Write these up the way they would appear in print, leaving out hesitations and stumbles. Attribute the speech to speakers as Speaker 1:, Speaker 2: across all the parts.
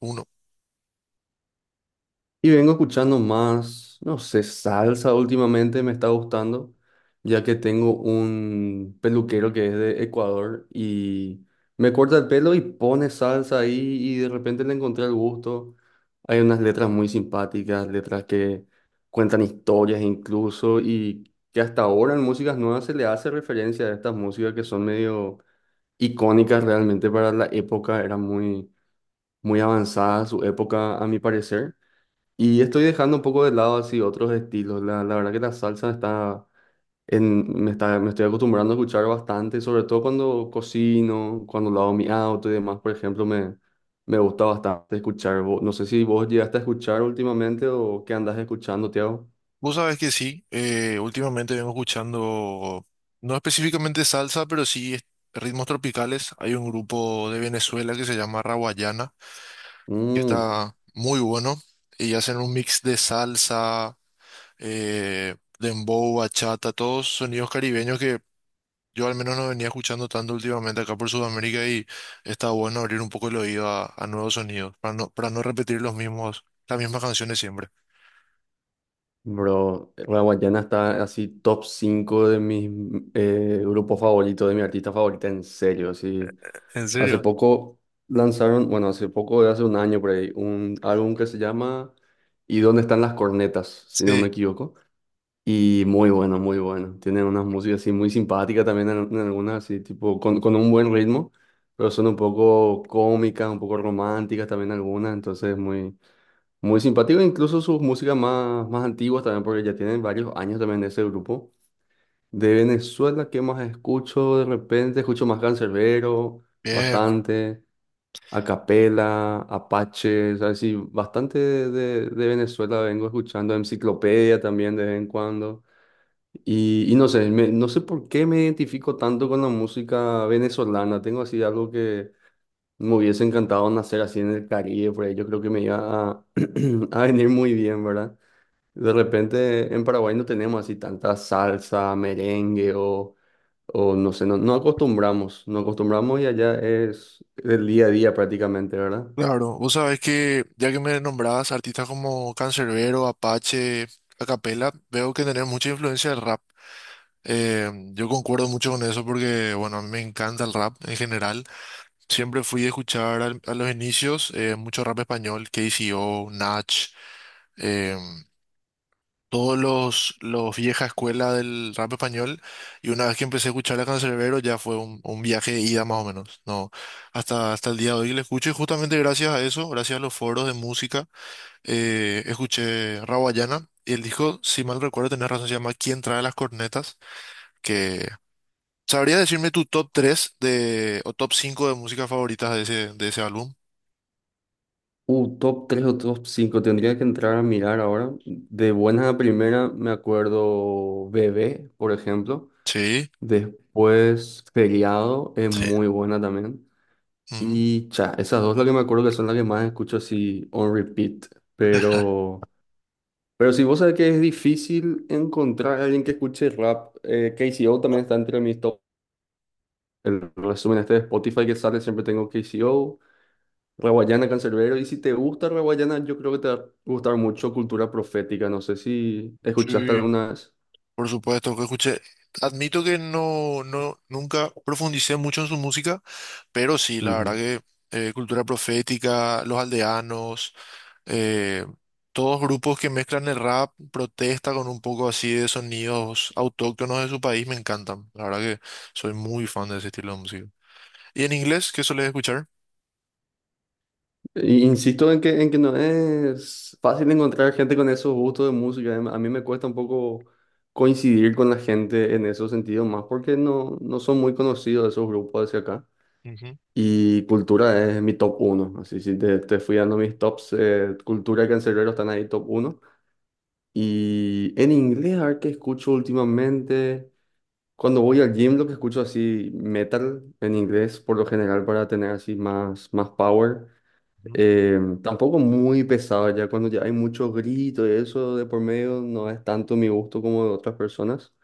Speaker 1: Uno.
Speaker 2: Y vengo escuchando más, no sé, salsa últimamente me está gustando, ya que tengo un peluquero que es de Ecuador y me corta el pelo y pone salsa ahí y de repente le encontré el gusto. Hay unas letras muy simpáticas, letras que cuentan historias incluso y que hasta ahora en músicas nuevas se le hace referencia a estas músicas que son medio icónicas realmente para la época, era muy avanzada su época a mi parecer. Y estoy dejando un poco de lado así otros estilos. La verdad que la salsa está me estoy acostumbrando a escuchar bastante, sobre todo cuando cocino, cuando lavo mi auto y demás, por ejemplo, me gusta bastante escuchar. No sé si vos llegaste a escuchar últimamente o qué andas escuchando, Tiago.
Speaker 1: Vos sabés que sí, últimamente vengo escuchando, no específicamente salsa, pero sí ritmos tropicales. Hay un grupo de Venezuela que se llama Rawayana, que
Speaker 2: Mm,
Speaker 1: está muy bueno, y hacen un mix de salsa, dembow, bachata, todos sonidos caribeños que yo al menos no venía escuchando tanto últimamente acá por Sudamérica y está bueno abrir un poco el oído a nuevos sonidos, para no repetir los mismos, las mismas canciones siempre.
Speaker 2: bro, la Guayana está así top 5 de mis grupos favoritos, de mi artista favorita, en serio, así.
Speaker 1: ¿En
Speaker 2: Hace
Speaker 1: serio?
Speaker 2: poco lanzaron, bueno, hace poco, de hace un año por ahí, un álbum que se llama ¿Y dónde están las cornetas? Si no me
Speaker 1: Sí.
Speaker 2: equivoco. Y muy bueno, muy bueno. Tienen unas músicas así muy simpáticas también en algunas, así tipo con un buen ritmo, pero son un poco cómicas, un poco románticas también algunas, entonces muy simpático. Incluso sus músicas más antiguas también, porque ya tienen varios años también de ese grupo. De Venezuela, ¿qué más escucho? De repente escucho más Canserbero,
Speaker 1: Bien.
Speaker 2: bastante. Acapela, Apache, o sea, sí, bastante de Venezuela vengo escuchando, Enciclopedia también de vez en cuando. Y no sé, no sé por qué me identifico tanto con la música venezolana. Tengo así algo que me hubiese encantado nacer así en el Caribe, por ahí yo creo que me iba a, a venir muy bien, ¿verdad? De repente en Paraguay no tenemos así tanta salsa, o no sé, no acostumbramos, no acostumbramos y allá es el día a día prácticamente, ¿verdad?
Speaker 1: Claro, vos sabés que ya que me nombrabas artistas como Canserbero, Apache, Acapella, veo que tenés mucha influencia del rap. Yo concuerdo mucho con eso porque, bueno, a mí me encanta el rap en general. Siempre fui a escuchar a los inicios mucho rap español, KCO, Nach, eh, todos los vieja escuela del rap español. Y una vez que empecé a escuchar a Canserbero ya fue un viaje de ida más o menos, ¿no? Hasta el día de hoy le escucho y justamente gracias a eso, gracias a los foros de música escuché Rawayana y él dijo, si mal recuerdo, tenés razón, se llama ¿Quién trae las cornetas? Que sabría decirme tu top 3 de, o top 5 de música favoritas de ese álbum.
Speaker 2: Top 3 o top 5 tendría que entrar a mirar ahora. De buenas a primera me acuerdo Bebé, por ejemplo.
Speaker 1: Sí,
Speaker 2: Después Feriado es
Speaker 1: sí.
Speaker 2: muy buena también.
Speaker 1: Ujú.
Speaker 2: Y cha, esas dos las que me acuerdo que son las que más escucho así on repeat. Pero, pero si vos sabés que es difícil encontrar a alguien que escuche rap, KCO también está entre mis top. El resumen este de Spotify que sale siempre tengo KCO. Raguayana, Cancerbero, y si te gusta Raguayana, yo creo que te va a gustar mucho Cultura Profética, no sé si escuchaste
Speaker 1: Sí,
Speaker 2: alguna vez.
Speaker 1: por supuesto que escuché. Admito que nunca profundicé mucho en su música, pero sí, la verdad
Speaker 2: Ujú.
Speaker 1: que Cultura Profética, Los Aldeanos, eh, todos grupos que mezclan el rap, protesta con un poco así de sonidos autóctonos de su país, me encantan. La verdad que soy muy fan de ese estilo de música. ¿Y en inglés, qué sueles escuchar?
Speaker 2: Y insisto en que no es fácil encontrar gente con esos gustos de música. A mí me cuesta un poco coincidir con la gente en esos sentidos, más porque no son muy conocidos esos grupos hacia acá.
Speaker 1: Ujú,
Speaker 2: Y Cultura es mi top uno. Así si te fui dando mis tops, Cultura y Canserbero están ahí top uno. Y en inglés, a ver qué escucho últimamente. Cuando voy al gym, lo que escucho así metal en inglés, por lo general para tener así más power.
Speaker 1: ujú.
Speaker 2: Tampoco muy pesado ya, cuando ya hay mucho grito y eso de por medio, no es tanto mi gusto como de otras personas.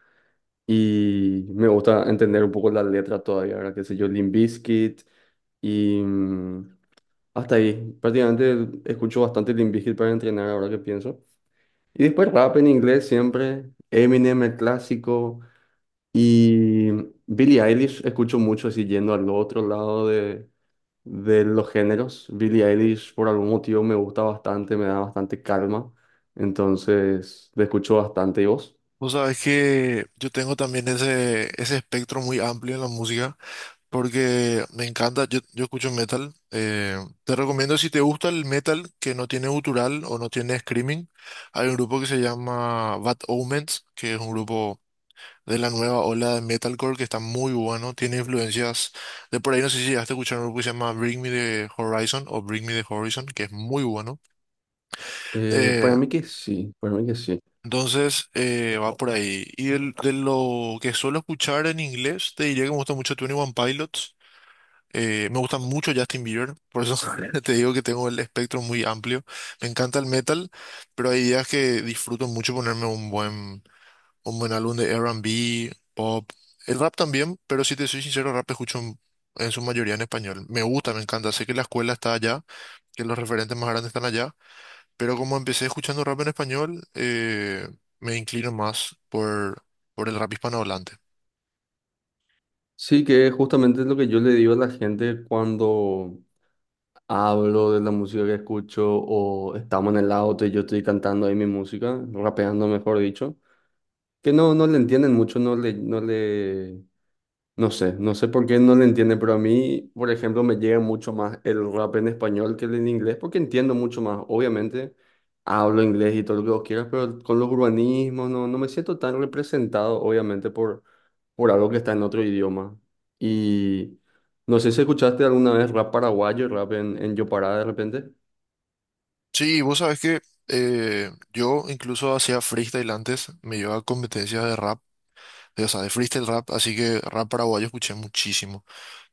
Speaker 2: Y me gusta entender un poco la letra todavía, ahora qué sé yo, Limp Bizkit y mm, hasta ahí. Prácticamente escucho bastante Limp Bizkit para entrenar ahora que pienso. Y después rap en inglés siempre, Eminem el clásico. Y Billie Eilish escucho mucho así yendo al otro lado de los géneros. Billie Eilish por algún motivo me gusta bastante, me da bastante calma. Entonces, le escucho bastante. ¿Y vos?
Speaker 1: Vos sabés que yo tengo también ese espectro muy amplio en la música, porque me encanta, yo escucho metal. Te recomiendo si te gusta el metal que no tiene gutural o no tiene screaming, hay un grupo que se llama Bad Omens, que es un grupo de la nueva ola de metalcore que está muy bueno, tiene influencias de por ahí, no sé si llegaste a escuchar un grupo que se llama Bring Me the Horizon o Bring Me the Horizon, que es muy bueno. Eh,
Speaker 2: Para mí que sí, para mí que sí.
Speaker 1: entonces va por ahí. Y de lo que suelo escuchar en inglés, te diría que me gusta mucho Twenty One Pilots. Me gusta mucho Justin Bieber, por eso te digo que tengo el espectro muy amplio. Me encanta el metal, pero hay días que disfruto mucho ponerme un buen álbum de R&B, pop. El rap también, pero si te soy sincero, rap escucho en su mayoría en español. Me gusta, me encanta. Sé que la escuela está allá, que los referentes más grandes están allá, pero como empecé escuchando rap en español, me inclino más por el rap hispanohablante.
Speaker 2: Sí, que es justamente lo que yo le digo a la gente cuando hablo de la música que escucho o estamos en el auto y yo estoy cantando ahí mi música, rapeando mejor dicho, que no le entienden mucho, No sé, no sé por qué no le entiende, pero a mí, por ejemplo, me llega mucho más el rap en español que el en inglés, porque entiendo mucho más. Obviamente, hablo inglés y todo lo que vos quieras, pero con los urbanismos no me siento tan representado, obviamente, por algo que está en otro idioma. Y no sé si escuchaste alguna vez rap paraguayo, rap en Yopará de repente.
Speaker 1: Sí, vos sabés que yo incluso hacía freestyle antes, me llevaba a competencias de rap, o sea, de freestyle rap, así que rap paraguayo escuché muchísimo.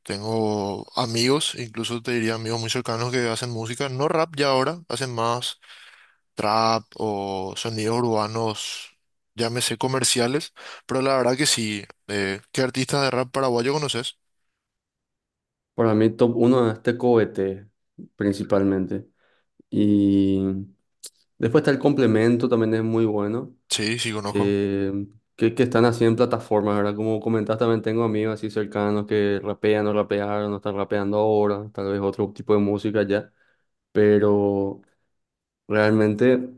Speaker 1: Tengo amigos, incluso te diría amigos muy cercanos que hacen música, no rap ya ahora, hacen más trap o sonidos urbanos, llámese comerciales, pero la verdad que sí. ¿Qué artistas de rap paraguayo conoces?
Speaker 2: Para mí, top uno es Tecoete, principalmente. Y después está el complemento, también es muy bueno.
Speaker 1: Sí, sí conozco.
Speaker 2: Eh, que están así en plataformas, ¿verdad? Como comentaste, también tengo amigos así cercanos que rapean o rapearon, no están rapeando ahora, tal vez otro tipo de música ya, pero realmente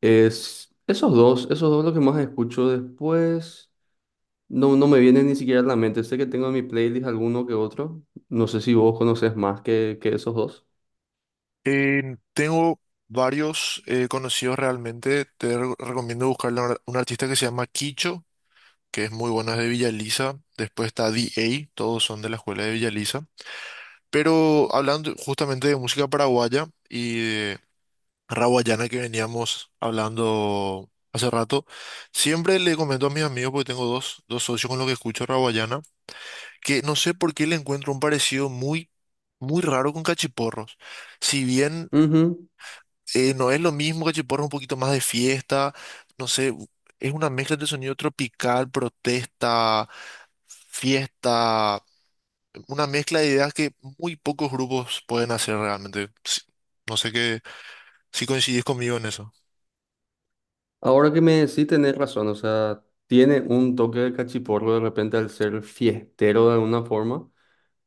Speaker 2: es esos dos lo que más escucho después. No me vienen ni siquiera a la mente. Sé que tengo en mi playlist alguno que otro. No sé si vos conoces más que esos dos.
Speaker 1: Tengo varios conocidos realmente, te recomiendo buscar un artista que se llama Kicho, que es muy bueno, es de Villa Elisa, después está D A, todos son de la escuela de Villa Elisa. Pero hablando justamente de música paraguaya y de raguayana que veníamos hablando hace rato, siempre le comento a mis amigos, porque tengo dos socios con los que escucho raguayana, que no sé por qué le encuentro un parecido muy raro con cachiporros. Si bien
Speaker 2: Ujú.
Speaker 1: no es lo mismo, cachiporros es un poquito más de fiesta, no sé, es una mezcla de sonido tropical, protesta, fiesta una mezcla de ideas que muy pocos grupos pueden hacer realmente. No sé qué, si coincidís conmigo en eso.
Speaker 2: Ahora que me sí tenés razón, o sea, tiene un toque de cachiporro de repente al ser fiestero de alguna forma,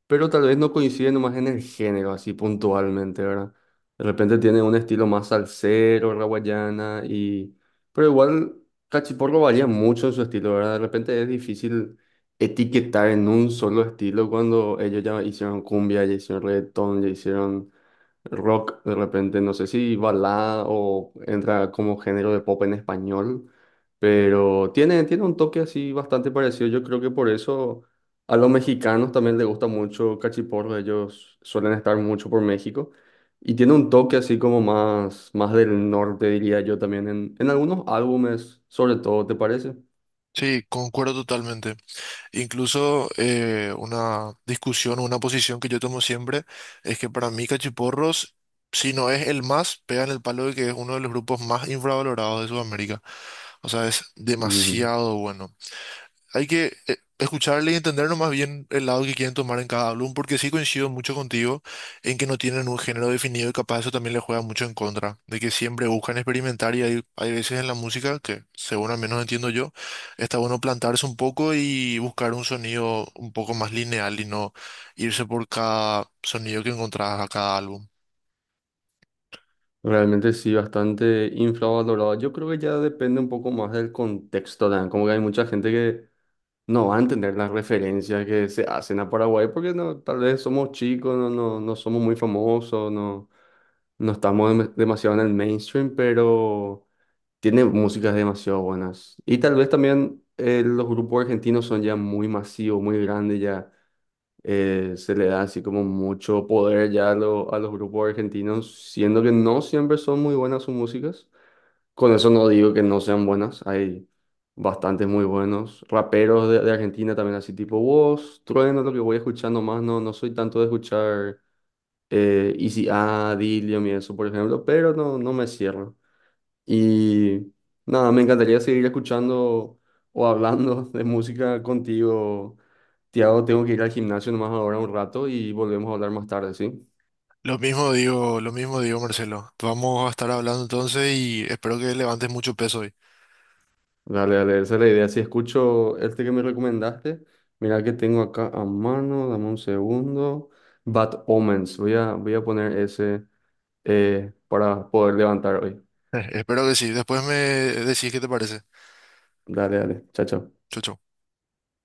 Speaker 2: pero tal vez no coincide nomás en el género, así puntualmente, ¿verdad? De repente tiene un estilo más salsero, la guayana, y... Pero igual cachiporro varía mucho en su estilo, ¿verdad? De repente es difícil etiquetar en un solo estilo cuando ellos ya hicieron cumbia, ya hicieron reggaetón, ya hicieron rock de repente, no sé si balada o entra como género de pop en español, pero tiene un toque así bastante parecido. Yo creo que por eso a los mexicanos también les gusta mucho Cachiporro, ellos suelen estar mucho por México y tiene un toque así como más del norte, diría yo también, en algunos álbumes, sobre todo, ¿te parece?
Speaker 1: Sí, concuerdo totalmente. Incluso una discusión o una posición que yo tomo siempre es que para mí Cachiporros, si no es el más, pega en el palo de que es uno de los grupos más infravalorados de Sudamérica. O sea, es
Speaker 2: Mm.
Speaker 1: demasiado bueno. Hay que escucharle y entendernos más bien el lado que quieren tomar en cada álbum, porque sí coincido mucho contigo en que no tienen un género definido y capaz eso también les juega mucho en contra, de que siempre buscan experimentar y hay veces en la música que, según al menos entiendo yo, está bueno plantarse un poco y buscar un sonido un poco más lineal y no irse por cada sonido que encontrás a cada álbum.
Speaker 2: Realmente sí, bastante infravalorado. Yo creo que ya depende un poco más del contexto, Dan. Como que hay mucha gente que no van a entender las referencias que se hacen a Paraguay porque no, tal vez somos chicos, no somos muy famosos, no estamos demasiado en el mainstream, pero tiene músicas demasiado buenas. Y tal vez también los grupos argentinos son ya muy masivos, muy grandes, ya se le da así como mucho poder ya a, a los grupos argentinos, siendo que no siempre son muy buenas sus músicas. Con eso no digo que no sean buenas, hay bastantes muy buenos. Raperos de Argentina también así tipo vos, Trueno, lo que voy escuchando más, no soy tanto de escuchar Easy A, Dilium y eso, por ejemplo, pero no me cierro. Y nada, me encantaría seguir escuchando o hablando de música contigo. Tiago, tengo que ir al gimnasio nomás ahora un rato y volvemos a hablar más tarde, ¿sí?
Speaker 1: Lo mismo digo, Marcelo. Vamos a estar hablando entonces y espero que levantes mucho peso hoy.
Speaker 2: Dale, dale, esa es la idea. Si escucho este que me recomendaste, mira que tengo acá a mano, dame un segundo. Bad Omens, voy a poner ese para poder levantar hoy.
Speaker 1: Espero que sí. Después me decís qué te parece.
Speaker 2: Dale, dale, chao, chao.
Speaker 1: Chau, chau.